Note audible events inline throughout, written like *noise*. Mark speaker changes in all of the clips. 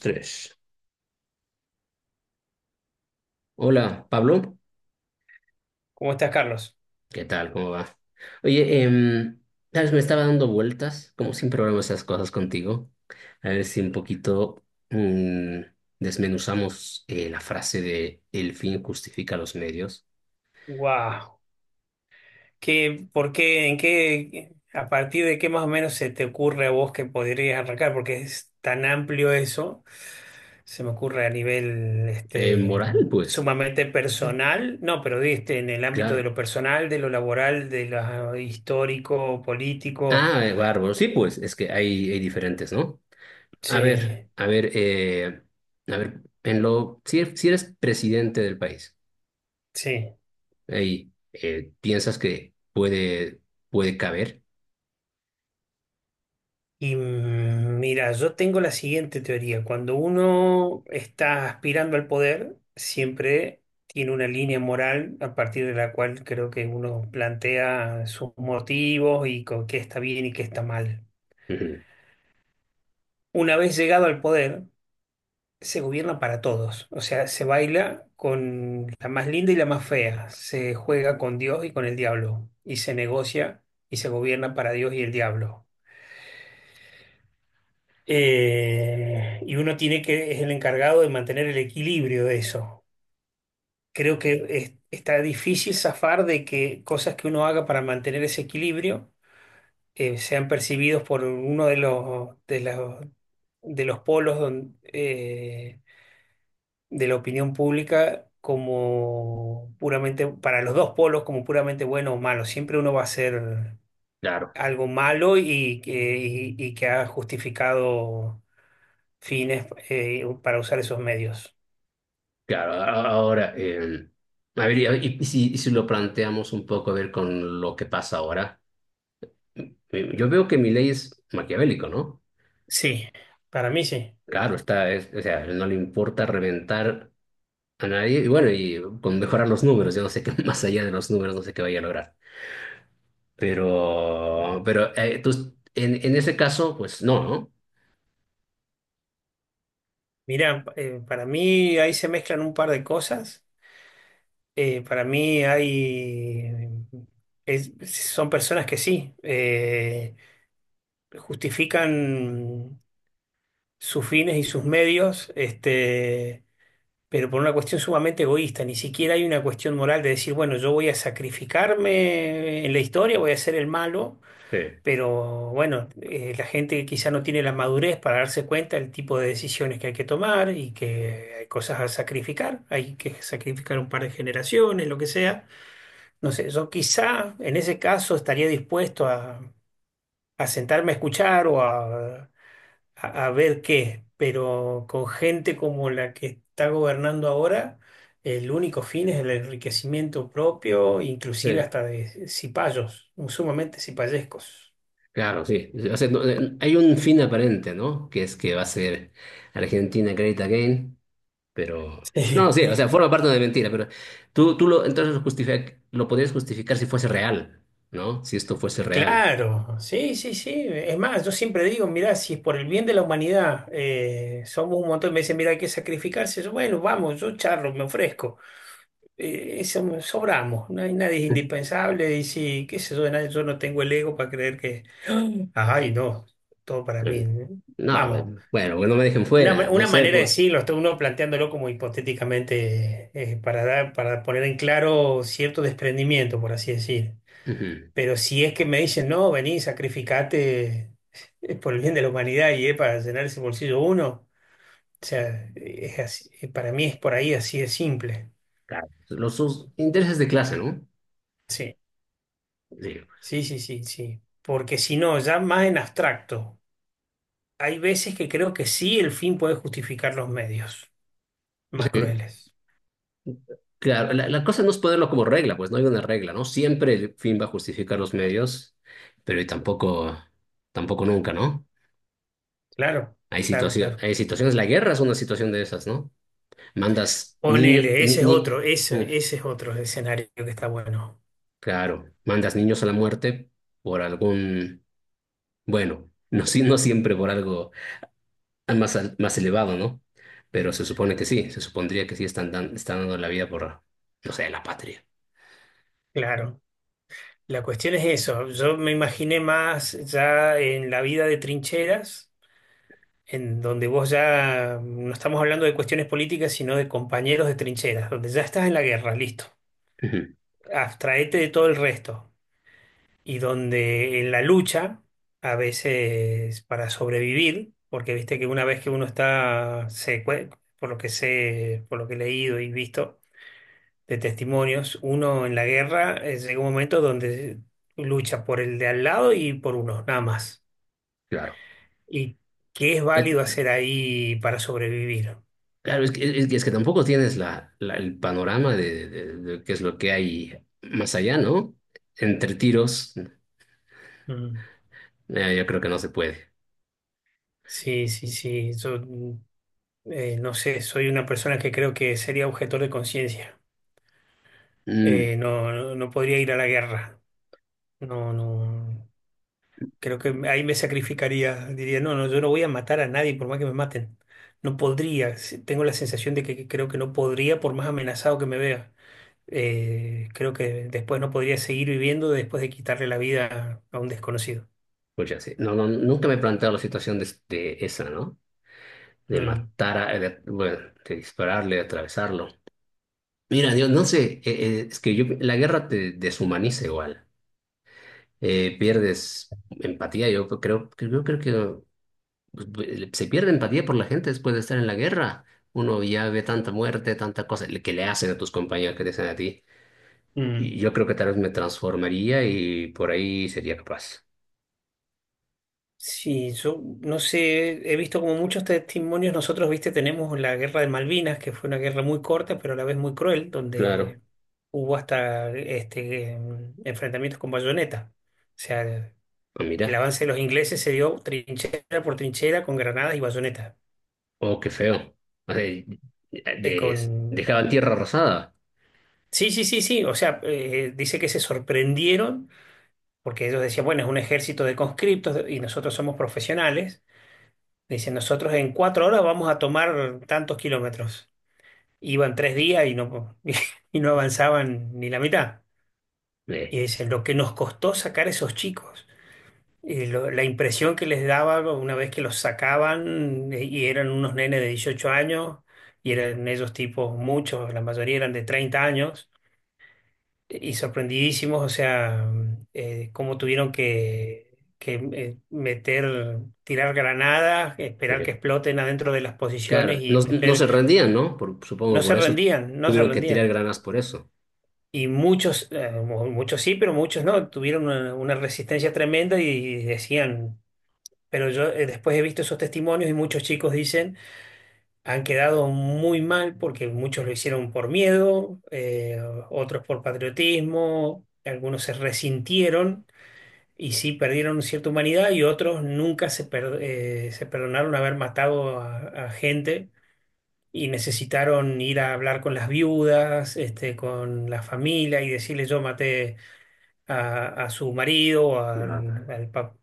Speaker 1: Tres. Hola, Pablo.
Speaker 2: ¿Cómo estás, Carlos?
Speaker 1: ¿Qué tal? ¿Cómo va? Oye, sabes, me estaba dando vueltas, como siempre hablamos esas cosas contigo, a ver si un poquito mm, desmenuzamos la frase de el fin justifica los medios.
Speaker 2: Wow. ¿Qué, por qué, en qué, a partir de qué más o menos se te ocurre a vos que podrías arrancar? Porque es tan amplio eso, se me ocurre a nivel este,
Speaker 1: Moral, pues.
Speaker 2: sumamente
Speaker 1: Sí,
Speaker 2: personal, no, pero este, en el ámbito de
Speaker 1: claro.
Speaker 2: lo personal, de lo laboral, de lo histórico, político.
Speaker 1: Ah, bárbaro. Sí, pues, es que hay diferentes, ¿no? A ver,
Speaker 2: Sí,
Speaker 1: a ver, eh, a ver, si eres presidente del país.
Speaker 2: sí.
Speaker 1: Y piensas que puede caber.
Speaker 2: Y mira, yo tengo la siguiente teoría. Cuando uno está aspirando al poder, siempre tiene una línea moral a partir de la cual creo que uno plantea sus motivos y con qué está bien y qué está mal.
Speaker 1: Ujú.
Speaker 2: Una vez llegado al poder, se gobierna para todos. O sea, se baila con la más linda y la más fea. Se juega con Dios y con el diablo. Y se negocia y se gobierna para Dios y el diablo. Y uno tiene que, es el encargado de mantener el equilibrio de eso. Creo que está difícil zafar de que cosas que uno haga para mantener ese equilibrio sean percibidos por uno de los, de los polos de la opinión pública como puramente, para los dos polos como puramente bueno o malo. Siempre uno va a hacer
Speaker 1: Claro,
Speaker 2: algo malo y que, y que ha justificado fines para usar esos medios.
Speaker 1: claro. Ahora, a ver, y si lo planteamos un poco, a ver, con lo que pasa ahora, yo veo que mi ley es maquiavélico, ¿no?
Speaker 2: Sí, para mí sí.
Speaker 1: Claro, está, o sea, no le importa reventar a nadie, y bueno, y con mejorar los números, yo no sé qué, *laughs* más allá de los números, no sé qué vaya a lograr. Pero, en ese caso, pues no, ¿no?
Speaker 2: Mirá, para mí ahí se mezclan un par de cosas. Para mí hay... es- Son personas que sí, justifican sus fines y sus medios, este, pero por una cuestión sumamente egoísta. Ni siquiera hay una cuestión moral de decir, bueno, yo voy a sacrificarme en la historia, voy a ser el malo.
Speaker 1: Sí.
Speaker 2: Pero bueno, la gente quizá no tiene la madurez para darse cuenta del tipo de decisiones que hay que tomar y que hay cosas a sacrificar. Hay que sacrificar un par de generaciones, lo que sea. No sé, yo quizá en ese caso estaría dispuesto a sentarme a escuchar o a, a ver qué, pero con gente como la que está gobernando ahora, el único fin es el enriquecimiento propio, inclusive
Speaker 1: Sí.
Speaker 2: hasta de cipayos, sumamente cipayescos.
Speaker 1: Claro, sí. O sea, hay un fin aparente, ¿no? Que es que va a ser Argentina Great Again, pero... No, sí, o sea,
Speaker 2: *laughs*
Speaker 1: forma parte de mentira, pero entonces lo podrías justificar si fuese real, ¿no? Si esto fuese real.
Speaker 2: Claro, sí, sí, sí. Es más, yo siempre digo, mirá, si es por el bien de la humanidad, somos un montón, me dicen, mirá, hay que sacrificarse. Yo, bueno, vamos, yo charlo, me ofrezco. Eso sobramos, no hay nadie es indispensable y sí, qué sé yo, nadie, yo no tengo el ego para creer que, ay, no, todo para mí.
Speaker 1: Eh,
Speaker 2: ¿Eh?
Speaker 1: No,
Speaker 2: Vamos,
Speaker 1: bueno, que no me dejen
Speaker 2: una,
Speaker 1: fuera, no
Speaker 2: una
Speaker 1: sé,
Speaker 2: manera de
Speaker 1: pues.
Speaker 2: decirlo, está uno planteándolo como hipotéticamente, para dar, para poner en claro cierto desprendimiento, por así decir.
Speaker 1: Ujú.
Speaker 2: Pero si es que me dicen, no, vení, sacrificate por el bien de la humanidad y es para llenar ese bolsillo uno, o sea, para mí es por ahí así de simple.
Speaker 1: Claro. Los sus intereses de clase, ¿no?
Speaker 2: Sí, sí, sí, sí, sí. Porque si no, ya más en abstracto, hay veces que creo que sí el fin puede justificar los medios más
Speaker 1: Sí.
Speaker 2: crueles.
Speaker 1: Claro, la cosa no es ponerlo como regla, pues no hay una regla, ¿no? Siempre el fin va a justificar los medios, pero tampoco nunca, ¿no?
Speaker 2: Claro,
Speaker 1: Hay
Speaker 2: claro, claro.
Speaker 1: hay situaciones, la guerra es una situación de esas, ¿no? Mandas niño,
Speaker 2: Ponele,
Speaker 1: ni,
Speaker 2: ese es
Speaker 1: ni-
Speaker 2: otro, ese,
Speaker 1: mm,
Speaker 2: ese es otro escenario que está bueno.
Speaker 1: Claro, mandas niños a la muerte por bueno, no, no siempre por algo más elevado, ¿no? Pero se supone que sí, se supondría que sí están dando la vida por, no sé, la patria.
Speaker 2: Claro. La cuestión es eso, yo me imaginé más ya en la vida de trincheras, en donde vos ya no estamos hablando de cuestiones políticas, sino de compañeros de trincheras, donde ya estás en la guerra, listo,
Speaker 1: Ujú.
Speaker 2: abstraete de todo el resto, y donde en la lucha, a veces para sobrevivir, porque viste que una vez que uno está, se, por lo que sé, por lo que he leído y visto, de testimonios. Uno en la guerra llega un momento donde lucha por el de al lado y por uno, nada más.
Speaker 1: Claro.
Speaker 2: ¿Y qué es válido hacer ahí para sobrevivir?
Speaker 1: Claro, es que tampoco tienes la, el panorama de, de qué es lo que hay más allá, ¿no? Entre tiros,
Speaker 2: Mm.
Speaker 1: yo creo que no se puede.
Speaker 2: Sí, sí, sí. Yo no sé, soy una persona que creo que sería objetor de conciencia.
Speaker 1: Mm.
Speaker 2: No, no, no podría ir a la guerra. No, no. Creo que ahí me sacrificaría. Diría, no, no, yo no voy a matar a nadie por más que me maten. No podría. Sí, tengo la sensación de que creo que no podría por más amenazado que me vea. Creo que después no podría seguir viviendo después de quitarle la vida a un desconocido.
Speaker 1: Pues ya sí. No, no, nunca me he planteado la situación de esa, ¿no? De
Speaker 2: Mm,
Speaker 1: matar, bueno, de dispararle, de atravesarlo. Mira, Dios, no sé, es que yo, la guerra te deshumaniza igual. Pierdes empatía, yo creo que pues, se pierde empatía por la gente después de estar en la guerra. Uno ya ve tanta muerte, tanta cosa que le hacen a tus compañeros que te hacen a ti.
Speaker 2: mm.
Speaker 1: Y yo creo que tal vez me transformaría y por ahí sería capaz.
Speaker 2: Sí, yo no sé, he visto como muchos testimonios, nosotros, viste, tenemos la guerra de Malvinas, que fue una guerra muy corta, pero a la vez muy cruel,
Speaker 1: Claro,
Speaker 2: donde hubo hasta este, enfrentamientos con bayoneta. O sea,
Speaker 1: pues
Speaker 2: el
Speaker 1: mira,
Speaker 2: avance de los ingleses se dio trinchera por trinchera con granadas y bayoneta.
Speaker 1: oh, qué feo. O sea,
Speaker 2: Eh, con...
Speaker 1: dejaban tierra arrasada.
Speaker 2: Sí, sí, sí, sí, o sea, dice que se sorprendieron porque ellos decían, bueno, es un ejército de conscriptos y nosotros somos profesionales. Dicen, nosotros en 4 horas vamos a tomar tantos kilómetros. Iban 3 días y no, *laughs* y no avanzaban ni la mitad.
Speaker 1: Eh,
Speaker 2: Y dicen, lo que nos costó sacar esos chicos, la impresión que les daba una vez que los sacaban, y eran unos nenes de 18 años y eran ellos tipos, muchos, la mayoría eran de 30 años y sorprendidísimos, o sea, cómo tuvieron que, meter, tirar granadas, esperar
Speaker 1: eh,
Speaker 2: que exploten adentro de las posiciones
Speaker 1: claro,
Speaker 2: y
Speaker 1: no, no
Speaker 2: meter,
Speaker 1: se rendían, ¿no? Supongo
Speaker 2: no se
Speaker 1: por eso
Speaker 2: rendían, no se
Speaker 1: tuvieron que tirar
Speaker 2: rendían.
Speaker 1: granas por eso.
Speaker 2: Y muchos, muchos sí, pero muchos no, tuvieron una resistencia tremenda y, decían, pero yo después he visto esos testimonios y muchos chicos dicen, han quedado muy mal porque muchos lo hicieron por miedo, otros por patriotismo, algunos se resintieron. Y sí, perdieron cierta humanidad y otros nunca se, se perdonaron haber matado a gente y necesitaron ir a hablar con las viudas, este, con la familia y decirle yo maté a su marido, o
Speaker 1: No.
Speaker 2: al, al pap-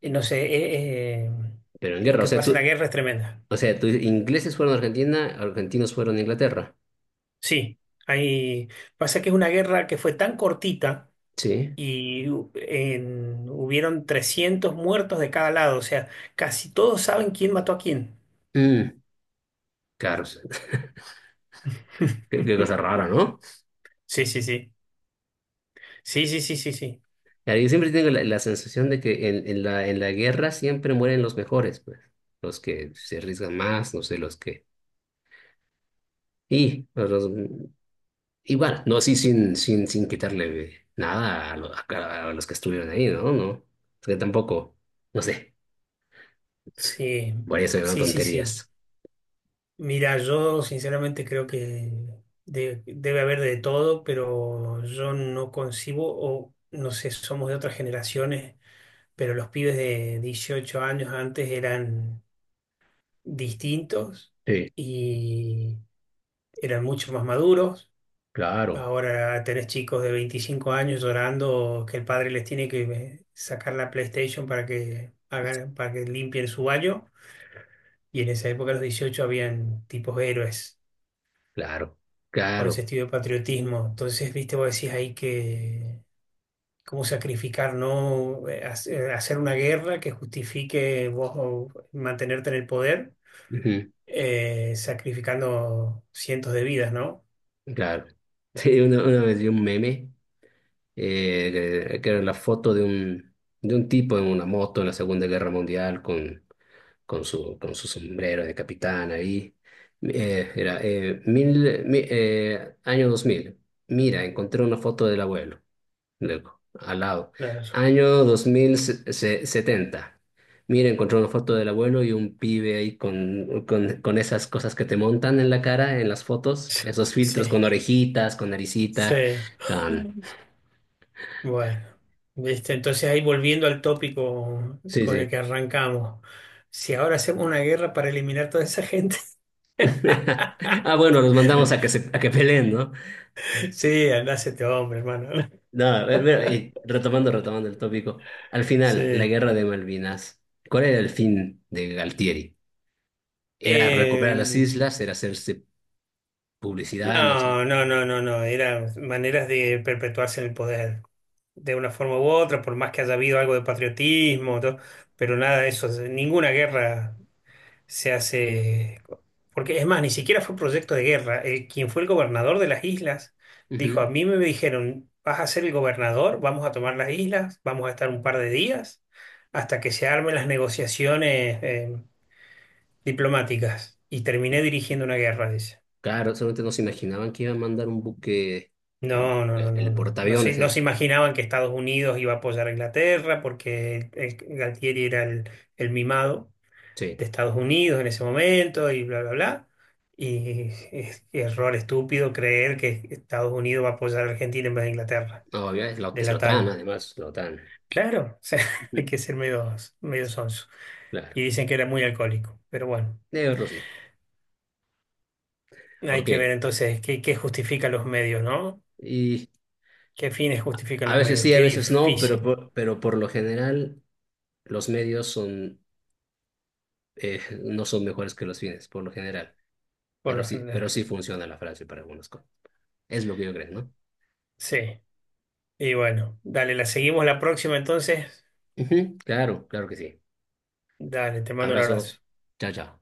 Speaker 2: eh, no sé,
Speaker 1: Pero en
Speaker 2: lo
Speaker 1: guerra, o
Speaker 2: que
Speaker 1: sea,
Speaker 2: pasa en la
Speaker 1: tú,
Speaker 2: guerra es tremenda.
Speaker 1: o sea, ingleses fueron a Argentina, argentinos fueron a Inglaterra.
Speaker 2: Sí, hay, pasa que es una guerra que fue tan cortita
Speaker 1: Sí.
Speaker 2: y hubieron 300 muertos de cada lado, o sea, casi todos saben quién mató a quién.
Speaker 1: Mm. Claro, o sea, *laughs* qué cosa
Speaker 2: *laughs*
Speaker 1: rara, ¿no?
Speaker 2: Sí, sí, sí. Sí, sí, sí, sí, sí.
Speaker 1: Claro, yo siempre tengo la sensación de que en la guerra siempre mueren los mejores, pues, los que se arriesgan más, no sé, los que... Y, pues, igual, no así sin, sin quitarle nada a, a los que estuvieron ahí, ¿no? No, o sea, tampoco, no sé,
Speaker 2: Sí,
Speaker 1: por eso eran
Speaker 2: sí, sí, sí.
Speaker 1: tonterías.
Speaker 2: Mira, yo sinceramente creo que debe haber de todo, pero yo no concibo, o no sé, somos de otras generaciones, pero los pibes de 18 años antes eran distintos
Speaker 1: Sí,
Speaker 2: y eran mucho más maduros.
Speaker 1: claro,
Speaker 2: Ahora tenés chicos de 25 años llorando que el padre les tiene que sacar la PlayStation para que hagan, para que limpien su baño. Y en esa época, a los 18, habían tipos héroes
Speaker 1: claro,
Speaker 2: con ese
Speaker 1: claro,
Speaker 2: estilo de patriotismo. Entonces, viste, vos decís ahí que cómo sacrificar, ¿no? Hacer una guerra que justifique vos o mantenerte en el poder,
Speaker 1: ujú,
Speaker 2: sacrificando cientos de vidas, ¿no?
Speaker 1: claro. *laughs* Sí, una vez vi un meme que era la foto de un tipo en una moto en la Segunda Guerra Mundial con, con su sombrero de capitán ahí. Era año 2000. Mira, encontré una foto del abuelo. Luego, al lado.
Speaker 2: Claro.
Speaker 1: Año 2070. Mira, encontré una foto del abuelo y un pibe ahí con, con esas cosas que te montan en la cara, en las fotos, esos
Speaker 2: Sí,
Speaker 1: filtros con orejitas, con naricita,
Speaker 2: sí.
Speaker 1: con...
Speaker 2: *laughs* Bueno, viste, entonces ahí volviendo al tópico
Speaker 1: Sí,
Speaker 2: con el
Speaker 1: sí.
Speaker 2: que arrancamos. Si ahora hacemos una guerra para eliminar toda esa gente,
Speaker 1: *laughs* Ah, bueno, los mandamos a que
Speaker 2: *laughs*
Speaker 1: se, a que peleen, ¿no?
Speaker 2: sí, andás este hombre, hermano. *laughs*
Speaker 1: No, a mira, y retomando, retomando el tópico. Al final, la
Speaker 2: Sí.
Speaker 1: guerra de Malvinas, ¿cuál era el fin de Galtieri? ¿Era
Speaker 2: Eh,
Speaker 1: recuperar las islas? ¿Era hacerse publicidad? No sé.
Speaker 2: no, no, no, no, no. Eran maneras de perpetuarse en el poder, de una forma u otra, por más que haya habido algo de patriotismo, todo, pero nada de eso, ninguna guerra se hace, porque es más, ni siquiera fue proyecto de guerra. Quien fue el gobernador de las islas dijo,
Speaker 1: Ujú.
Speaker 2: a mí me dijeron, vas a ser el gobernador, vamos a tomar las islas, vamos a estar un par de días hasta que se armen las negociaciones diplomáticas. Y terminé dirigiendo una guerra, dice.
Speaker 1: Claro, solamente no se imaginaban que iba a mandar un buque,
Speaker 2: No, no, no, no,
Speaker 1: el
Speaker 2: no.
Speaker 1: portaaviones.
Speaker 2: No se imaginaban que Estados Unidos iba a apoyar a Inglaterra porque el Galtieri era el mimado de
Speaker 1: Sí,
Speaker 2: Estados Unidos en ese momento y bla, bla, bla. Y es error estúpido creer que Estados Unidos va a apoyar a Argentina en vez de Inglaterra,
Speaker 1: no, obvio,
Speaker 2: de
Speaker 1: es la
Speaker 2: la
Speaker 1: OTAN,
Speaker 2: TAN.
Speaker 1: además, la OTAN.
Speaker 2: Claro, o sea, *laughs* hay
Speaker 1: Ujú.
Speaker 2: que ser medio, medio sonso.
Speaker 1: Claro,
Speaker 2: Y dicen que era muy alcohólico, pero bueno,
Speaker 1: de Rusia.
Speaker 2: hay
Speaker 1: Ok,
Speaker 2: que ver entonces qué, qué justifican los medios, ¿no?
Speaker 1: y
Speaker 2: ¿Qué fines justifican
Speaker 1: a
Speaker 2: los
Speaker 1: veces
Speaker 2: medios?
Speaker 1: sí,
Speaker 2: Qué
Speaker 1: a veces no, pero
Speaker 2: difícil,
Speaker 1: por, pero por lo general. Los medios son, no son mejores que los fines, por lo general,
Speaker 2: por
Speaker 1: pero
Speaker 2: lo
Speaker 1: sí, pero
Speaker 2: general.
Speaker 1: sí funciona la frase para algunas cosas. Es lo que yo creo, ¿no?
Speaker 2: Sí, y bueno, dale, la seguimos la próxima entonces.
Speaker 1: Ujú, claro, claro que sí.
Speaker 2: Dale, te mando un
Speaker 1: Abrazo.
Speaker 2: abrazo.
Speaker 1: Chao, chao.